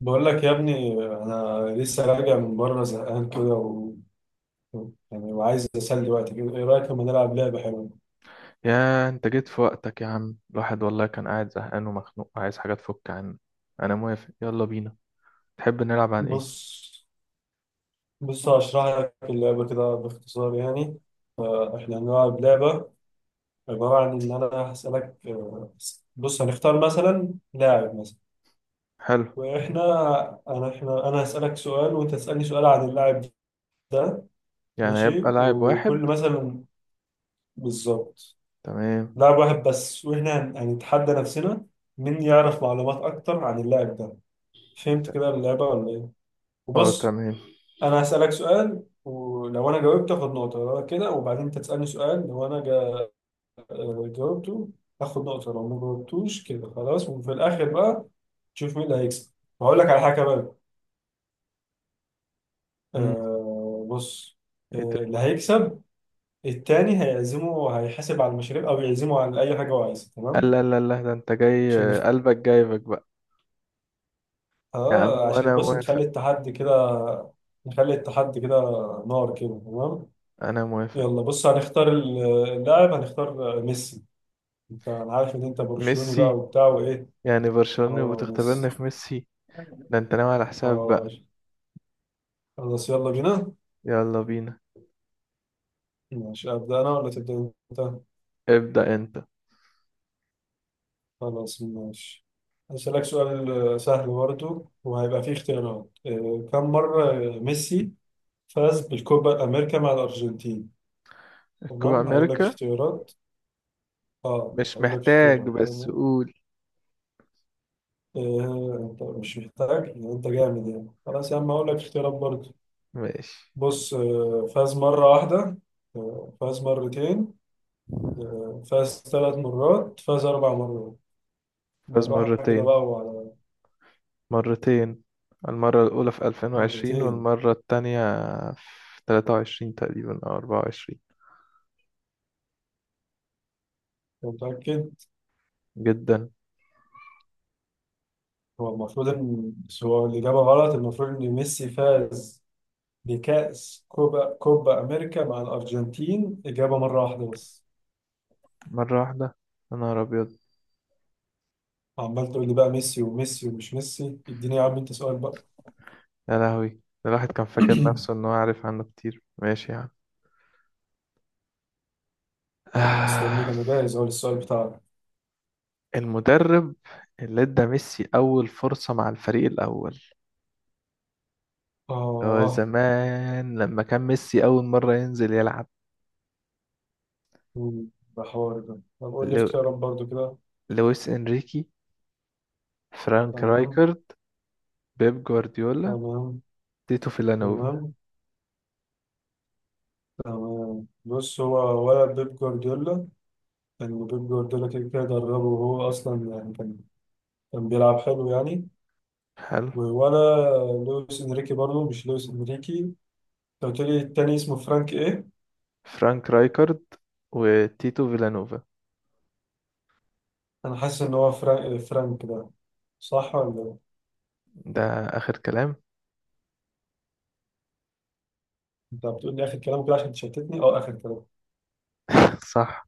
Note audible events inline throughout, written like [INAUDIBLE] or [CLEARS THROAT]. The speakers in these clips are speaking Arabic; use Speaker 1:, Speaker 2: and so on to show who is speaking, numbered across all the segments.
Speaker 1: بقول لك يا ابني، انا لسه راجع من بره زهقان كده يعني، وعايز اسلي وقتي كده. ايه رايك لما نلعب لعبه حلوه؟
Speaker 2: يا انت جيت في وقتك يا عم. الواحد والله كان قاعد زهقان ومخنوق عايز حاجة تفك عنه. انا موافق، يلا بينا. تحب نلعب عن ايه؟
Speaker 1: بص بص، هشرح لك اللعبه كده باختصار يعني. احنا هنلعب لعبه عباره عن ان انا هسالك. بص هنختار مثلا لاعب مثلا.
Speaker 2: حلو.
Speaker 1: واحنا انا احنا انا هسالك سؤال وانت تسالني سؤال عن اللاعب ده.
Speaker 2: يعني
Speaker 1: ماشي،
Speaker 2: هيبقى لاعب
Speaker 1: وكل
Speaker 2: واحد؟
Speaker 1: مثلا بالظبط.
Speaker 2: تمام.
Speaker 1: لاعب واحد بس، واحنا هنتحدى نفسنا مين يعرف معلومات اكتر عن اللاعب ده. فهمت كده اللعبة ولا ايه؟
Speaker 2: اه،
Speaker 1: وبص،
Speaker 2: تمام.
Speaker 1: انا هسألك سؤال ولو انا جاوبت اخد نقطة. لو أنا كده، وبعدين انت تسألني سؤال، لو انا جا... آه، جاوبته اخد نقطة، لو ما جاوبتوش كده خلاص. وفي الاخر بقى تشوف مين اللي هيكسب. وهقول لك على حاجة بقى.
Speaker 2: مم.
Speaker 1: بص،
Speaker 2: ايه تاني؟
Speaker 1: اللي هيكسب التاني هيعزمه، هيحاسب على المشاريب او يعزمه على اي حاجة هو عايزها. تمام؟
Speaker 2: لا لا لا، ده انت جاي
Speaker 1: عشان
Speaker 2: قلبك جايبك بقى. يا عم
Speaker 1: اه عشان
Speaker 2: انا
Speaker 1: بص، نخلي
Speaker 2: موافق.
Speaker 1: التحدي كده. نخلي التحدي كده نار كده، تمام.
Speaker 2: انا موافق.
Speaker 1: يلا بص هنختار اللاعب. هنختار ميسي. انت، انا عارف ان انت برشلوني بقى
Speaker 2: ميسي؟
Speaker 1: وبتاع وايه.
Speaker 2: يعني برشلونة
Speaker 1: اه
Speaker 2: وبتختبرني
Speaker 1: ميسي.
Speaker 2: في ميسي؟ ده انت ناوي على حساب
Speaker 1: اه
Speaker 2: بقى.
Speaker 1: خلاص يلا بينا.
Speaker 2: يلا بينا.
Speaker 1: ماشي، ابدا انا ولا تبدا انت؟
Speaker 2: ابدأ انت.
Speaker 1: خلاص ماشي. هسألك سؤال سهل برضو وهيبقى فيه اختيارات. كم مرة ميسي فاز بالكوبا أمريكا مع الأرجنتين؟
Speaker 2: الكوبا
Speaker 1: تمام هقول لك
Speaker 2: امريكا.
Speaker 1: اختيارات. اه
Speaker 2: مش
Speaker 1: هقول لك
Speaker 2: محتاج،
Speaker 1: اختيارات،
Speaker 2: بس
Speaker 1: تمام.
Speaker 2: قول.
Speaker 1: إيه، انت مش محتاج؟ يعني انت جامد يعني. خلاص يا عم اقول لك اختيارات برضه.
Speaker 2: ماشي.
Speaker 1: بص، فاز مرة واحدة، فاز مرتين، فاز ثلاث مرات، فاز اربع مرات.
Speaker 2: فاز
Speaker 1: بالراحة كده
Speaker 2: مرتين.
Speaker 1: بقى وعلى.
Speaker 2: مرتين. المرة الأولى في 2020
Speaker 1: مرتين؟
Speaker 2: والمرة التانية في 23 تقريبا أو 24.
Speaker 1: انت متأكد؟
Speaker 2: جدا.
Speaker 1: هو المفروض ان، بس هو الإجابة غلط. المفروض ان ميسي فاز بكأس كوبا أمريكا مع الأرجنتين إجابة مرة واحدة بس.
Speaker 2: مرة واحدة. يا نهار أبيض.
Speaker 1: عمال تقول لي بقى ميسي وميسي ومش ميسي. اديني يا عم انت سؤال بقى.
Speaker 2: يا لهوي ده، الواحد كان فاكر نفسه
Speaker 1: [CLEARS THROAT]
Speaker 2: إن هو عارف عنه كتير. ماشي يعني.
Speaker 1: مستنيك،
Speaker 2: آه.
Speaker 1: انا جاهز اهو للسؤال بتاعك.
Speaker 2: المدرب اللي ادى ميسي أول فرصة مع الفريق الأول، اللي هو
Speaker 1: اه،
Speaker 2: زمان لما كان ميسي أول مرة ينزل يلعب.
Speaker 1: مم، ده حوار ده. طب قول لي
Speaker 2: لو...
Speaker 1: اختيارات برضو كده.
Speaker 2: لويس إنريكي، فرانك
Speaker 1: تمام.
Speaker 2: رايكارد، بيب جوارديولا،
Speaker 1: تمام.
Speaker 2: تيتو فيلانوفا.
Speaker 1: تمام. تمام. بص، هو ولا بيب جوارديولا؟ لأن بيب جوارديولا كده كده دربه، وهو أصلا يعني كان بيلعب حلو يعني.
Speaker 2: حلو.
Speaker 1: ولا لويس إنريكي؟ برضو مش لويس إنريكي. أنت قلت لي التاني اسمه فرانك إيه؟
Speaker 2: فرانك رايكارد وتيتو فيلانوفا
Speaker 1: أنا حاسس إن هو فرانك ده. صح ولا إيه؟
Speaker 2: ده آخر كلام.
Speaker 1: أنت بتقول لي آخر كلام كده عشان تشتتني. أه، آخر كلام.
Speaker 2: [LAUGHS] صح.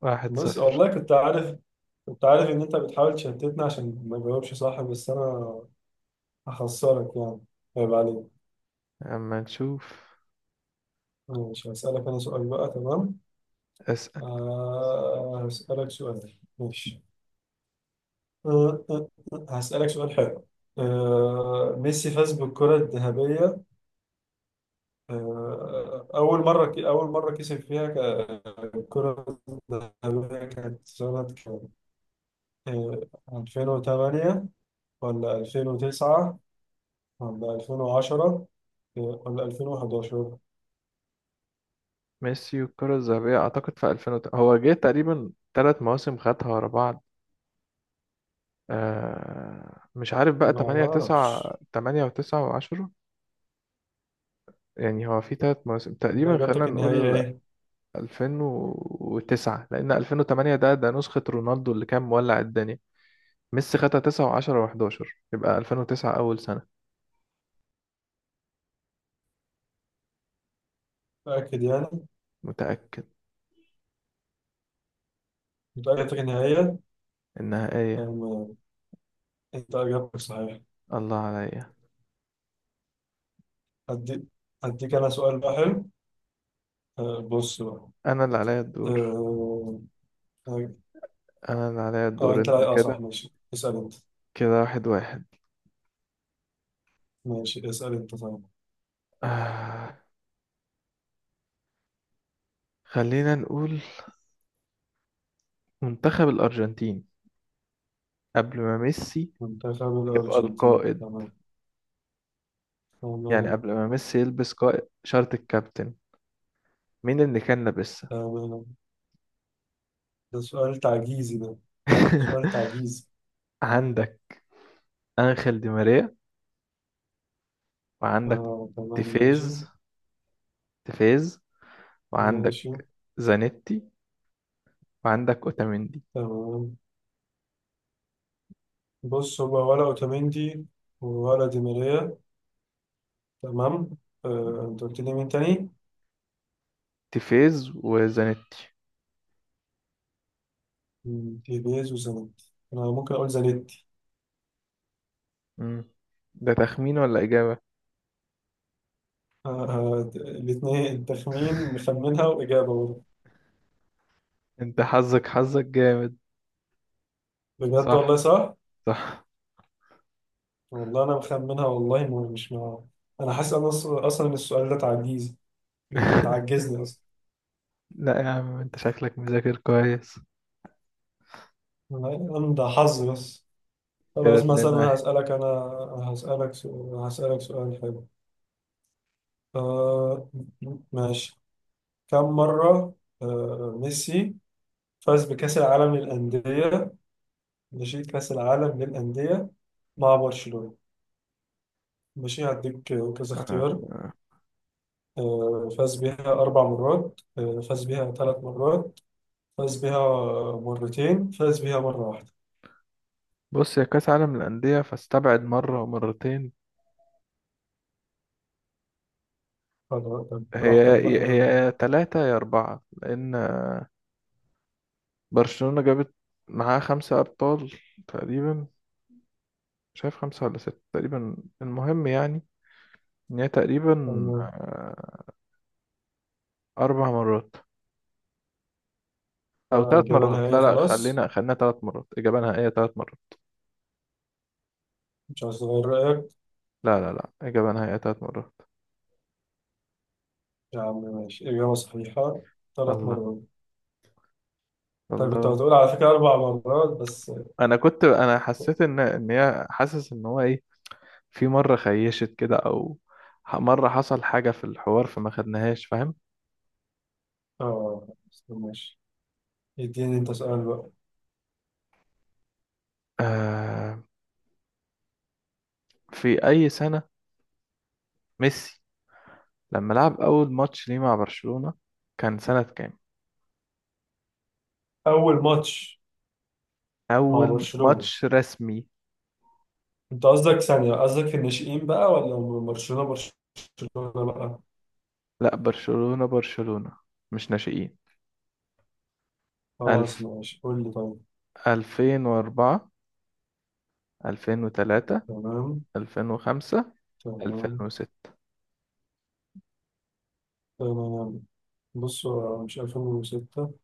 Speaker 2: واحد
Speaker 1: بص،
Speaker 2: صفر
Speaker 1: والله كنت عارف إن أنت بتحاول تشتتني عشان ما أجاوبش صح. بس أنا هخسرك يعني، عيب عليك.
Speaker 2: أما نشوف.
Speaker 1: ماشي هسألك أنا سؤال بقى، تمام.
Speaker 2: اسأل.
Speaker 1: هسألك سؤال. ماشي. هسألك سؤال حلو. ميسي فاز بالكرة الذهبية. أول مرة كسب فيها الكرة الذهبية كانت سنة كام؟ آه 2008 ولا 2009 ولا 2010 ولا 2011؟
Speaker 2: ميسي والكرة الذهبية أعتقد في 2000 هو جه تقريبا تلات مواسم خدها ورا بعض. آه، مش عارف بقى،
Speaker 1: ما
Speaker 2: تمانية
Speaker 1: اعرفش.
Speaker 2: تسعة، تمانية وتسعة وعشرة. يعني هو في تلات مواسم
Speaker 1: انت
Speaker 2: تقريبا، خلينا
Speaker 1: اجابتك النهائية
Speaker 2: نقول
Speaker 1: ايه؟
Speaker 2: 2009، لأن 2008 ده نسخة رونالدو اللي كان مولع الدنيا. ميسي خدها 9 و10 و11. يبقى 2009 أول سنة.
Speaker 1: متأكد يعني؟
Speaker 2: متأكد.
Speaker 1: انت اجابتك النهائية؟
Speaker 2: النهائية.
Speaker 1: أم- انت اجابتك صحيحة.
Speaker 2: الله عليا.
Speaker 1: هديك، هديك انا سؤال بقى حلو. أه، بص بقى.
Speaker 2: أنا اللي عليا الدور.
Speaker 1: اه، آه،
Speaker 2: أنا اللي عليا الدور،
Speaker 1: انت
Speaker 2: أنت
Speaker 1: لا، اه صح،
Speaker 2: كده. كده واحد واحد.
Speaker 1: ماشي اسأل انت طيب.
Speaker 2: آه. خلينا نقول منتخب الأرجنتين قبل ما ميسي
Speaker 1: منتخب
Speaker 2: يبقى
Speaker 1: الأرجنتين.
Speaker 2: القائد.
Speaker 1: تمام.
Speaker 2: يعني
Speaker 1: تمام.
Speaker 2: قبل ما ميسي يلبس قائد شارة الكابتن، مين اللي كان لابسها؟
Speaker 1: تمام. ده سؤال تعجيزي، ده سؤال
Speaker 2: [LAUGHS]
Speaker 1: تعجيزي.
Speaker 2: عندك أنخيل دي ماريا، وعندك
Speaker 1: تمام ماشي.
Speaker 2: تيفيز، تيفيز،
Speaker 1: ماشي.
Speaker 2: وعندك زانيتي، وعندك أوتاميندي.
Speaker 1: تمام. بص، هو ولا اوتاميندي ولا دي ماريا؟ تمام. انت قلت لي مين تاني؟
Speaker 2: تيفيز وزانيتي.
Speaker 1: تيبيز وزانيت. انا ممكن اقول زانيت.
Speaker 2: مم. ده تخمين ولا إجابة؟
Speaker 1: آه، الاتنين تخمين، مخمنها واجابه برضه.
Speaker 2: أنت حظك حظك جامد.
Speaker 1: بجد والله،
Speaker 2: صح.
Speaker 1: صح؟
Speaker 2: صح.
Speaker 1: والله انا مخمنها، والله مش مع. انا حاسس، أنا اصلا إن السؤال ده تعجيز،
Speaker 2: [LAUGHS]
Speaker 1: بتعجزني اصلا.
Speaker 2: لا يا عم، أنت شكلك مذاكر كويس.
Speaker 1: أنا ده حظ بس.
Speaker 2: كده
Speaker 1: خلاص مثلا
Speaker 2: اتنين
Speaker 1: أنا
Speaker 2: واحد
Speaker 1: هسألك. انا هسألك سؤال هسألك سؤال حلو. آه ماشي. كم مرة ميسي فاز بكأس العالم للأندية؟ ماشي كأس العالم للأندية مع برشلونة. ماشي هديك كذا
Speaker 2: آه،
Speaker 1: اختيار.
Speaker 2: آه.
Speaker 1: فاز بيها أربع مرات، فاز بيها ثلاث مرات، فاز بيها مرتين، فاز بيها مرة واحدة.
Speaker 2: بص، يا كأس عالم الأندية فاستبعد مرة ومرتين.
Speaker 1: خلاص، طب براحتك
Speaker 2: هي
Speaker 1: بقى.
Speaker 2: هي تلاتة يا أربعة، لأن برشلونة جابت معاها خمسة أبطال تقريبا، شايف خمسة ولا ستة تقريبا. المهم يعني إن هي تقريبا
Speaker 1: أنا-
Speaker 2: آه، أربع مرات أو ثلاث
Speaker 1: إجابة
Speaker 2: مرات.
Speaker 1: نهائية
Speaker 2: لا لا،
Speaker 1: خلاص؟
Speaker 2: خلينا ثلاث مرات إجابة نهائية، ثلاث مرات.
Speaker 1: مش عايز تغير رأيك؟
Speaker 2: لا لا لا، إجابة نهائية تلات مرات.
Speaker 1: يا عم ماشي، إجابة صحيحة. ثلاث
Speaker 2: الله.
Speaker 1: مرات. طيب كنت
Speaker 2: الله.
Speaker 1: هتقول على فكرة أربع مرات بس.
Speaker 2: أنا كنت حسيت إن هي حاسس إن هو إيه، في مرة خيشت كده، أو مرة حصل حاجة في الحوار فما خدناهاش، فاهم.
Speaker 1: آه بس ماشي. اديني انت سؤال بقى.
Speaker 2: آه، في أي سنة ميسي لما لعب أول ماتش ليه مع برشلونة كان سنة كام؟
Speaker 1: اول ماتش مع
Speaker 2: أول
Speaker 1: برشلونة.
Speaker 2: ماتش رسمي.
Speaker 1: انت قصدك ثانية، قصدك في الناشئين بقى ولا برشلونة برشلونة بقى؟
Speaker 2: لا، برشلونة برشلونة، مش ناشئين.
Speaker 1: خلاص
Speaker 2: ألف
Speaker 1: ماشي، قول لي طيب.
Speaker 2: 2004، 2003،
Speaker 1: تمام.
Speaker 2: 2005، ألفين
Speaker 1: تمام.
Speaker 2: وستة.
Speaker 1: تمام. بص، هو مش 2006.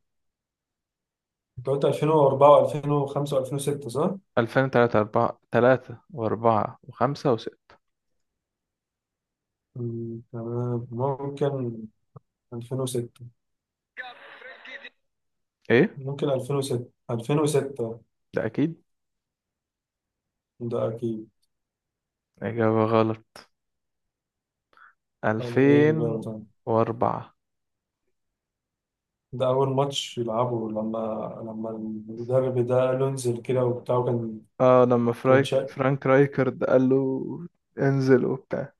Speaker 1: انت قلت 2004 و2005 و2006، صح؟
Speaker 2: ألفين وتلاتة، أربعة، تلاتة وأربعة وخمسة وستة.
Speaker 1: تمام ممكن 2006،
Speaker 2: إيه؟
Speaker 1: ممكن 2006، 2006،
Speaker 2: ده أكيد.
Speaker 1: ده اكيد.
Speaker 2: إجابة غلط.
Speaker 1: طب ايه الاجابة
Speaker 2: ألفين
Speaker 1: طيب؟
Speaker 2: وأربعة
Speaker 1: ده أول ماتش يلعبه لما، لما المدرب ده قال له انزل كده وبتاع، وكان.
Speaker 2: آه، لما
Speaker 1: كان شا...
Speaker 2: فرانك رايكرد قال له انزل وبتاع،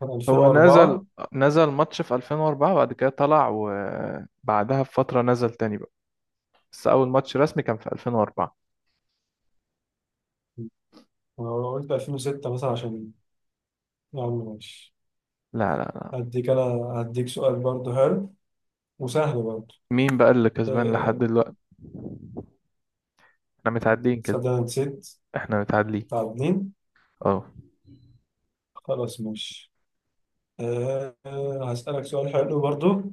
Speaker 1: كان
Speaker 2: هو نزل
Speaker 1: 2004.
Speaker 2: نزل ماتش في 2004، وبعد كده طلع وبعدها بفترة نزل تاني بقى. بس أول ماتش رسمي كان في 2004.
Speaker 1: أنا قلت 2006 مثلا عشان، يا عم ماشي.
Speaker 2: لا لا لا.
Speaker 1: هديك أنا، هديك سؤال برضه حلو، وسهل برضه.
Speaker 2: مين بقى اللي كسبان لحد
Speaker 1: أه...
Speaker 2: دلوقتي؟ احنا متعادلين كده.
Speaker 1: صدق أنا نسيت.
Speaker 2: احنا متعادلين.
Speaker 1: تعادلين.
Speaker 2: اه.
Speaker 1: خلاص ماشي. أه... آه، هسألك سؤال حلو برضه.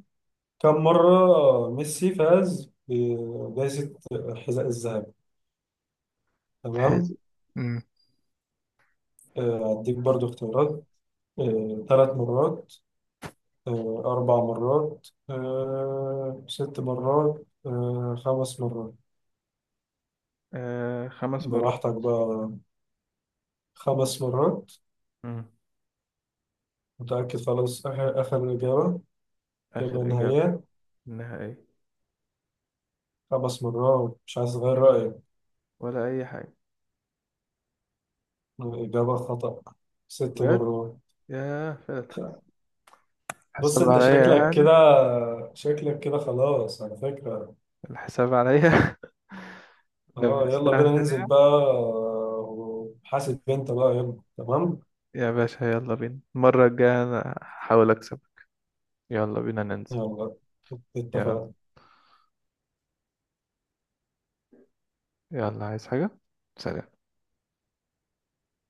Speaker 1: كم مرة ميسي فاز بجائزة الحذاء الذهبي؟
Speaker 2: الحازم.
Speaker 1: تمام.
Speaker 2: امم
Speaker 1: هديك برضه اختيارات. ثلاث مرات، أربع مرات، ست مرات، خمس مرات.
Speaker 2: آه، خمس مرات.
Speaker 1: براحتك بقى. خمس مرات؟
Speaker 2: مم.
Speaker 1: متأكد خلاص؟ آخر إجابة؟ إجابة
Speaker 2: آخر إجابة.
Speaker 1: نهائية؟
Speaker 2: إنها إيه.
Speaker 1: خمس مرات، مش عايز أغير رأيك؟
Speaker 2: ولا أي حاجة.
Speaker 1: إجابة خطأ. ست
Speaker 2: بجد.
Speaker 1: مرات.
Speaker 2: ياه، فاتت.
Speaker 1: بص
Speaker 2: حساب
Speaker 1: أنت
Speaker 2: عليا
Speaker 1: شكلك
Speaker 2: يعني.
Speaker 1: كده، شكلك كده خلاص على فكرة.
Speaker 2: الحساب عليا. [LAUGHS]
Speaker 1: أه يلا
Speaker 2: لبستها
Speaker 1: بينا ننزل
Speaker 2: فين.
Speaker 1: بقى. وحاسب أنت بقى، يلا تمام.
Speaker 2: يا باشا، يلا بينا المرة الجاية أنا هحاول أكسب. يلا بينا ننزل.
Speaker 1: يلا،
Speaker 2: يلا.
Speaker 1: اتفقنا.
Speaker 2: يلا، عايز حاجة. سلام.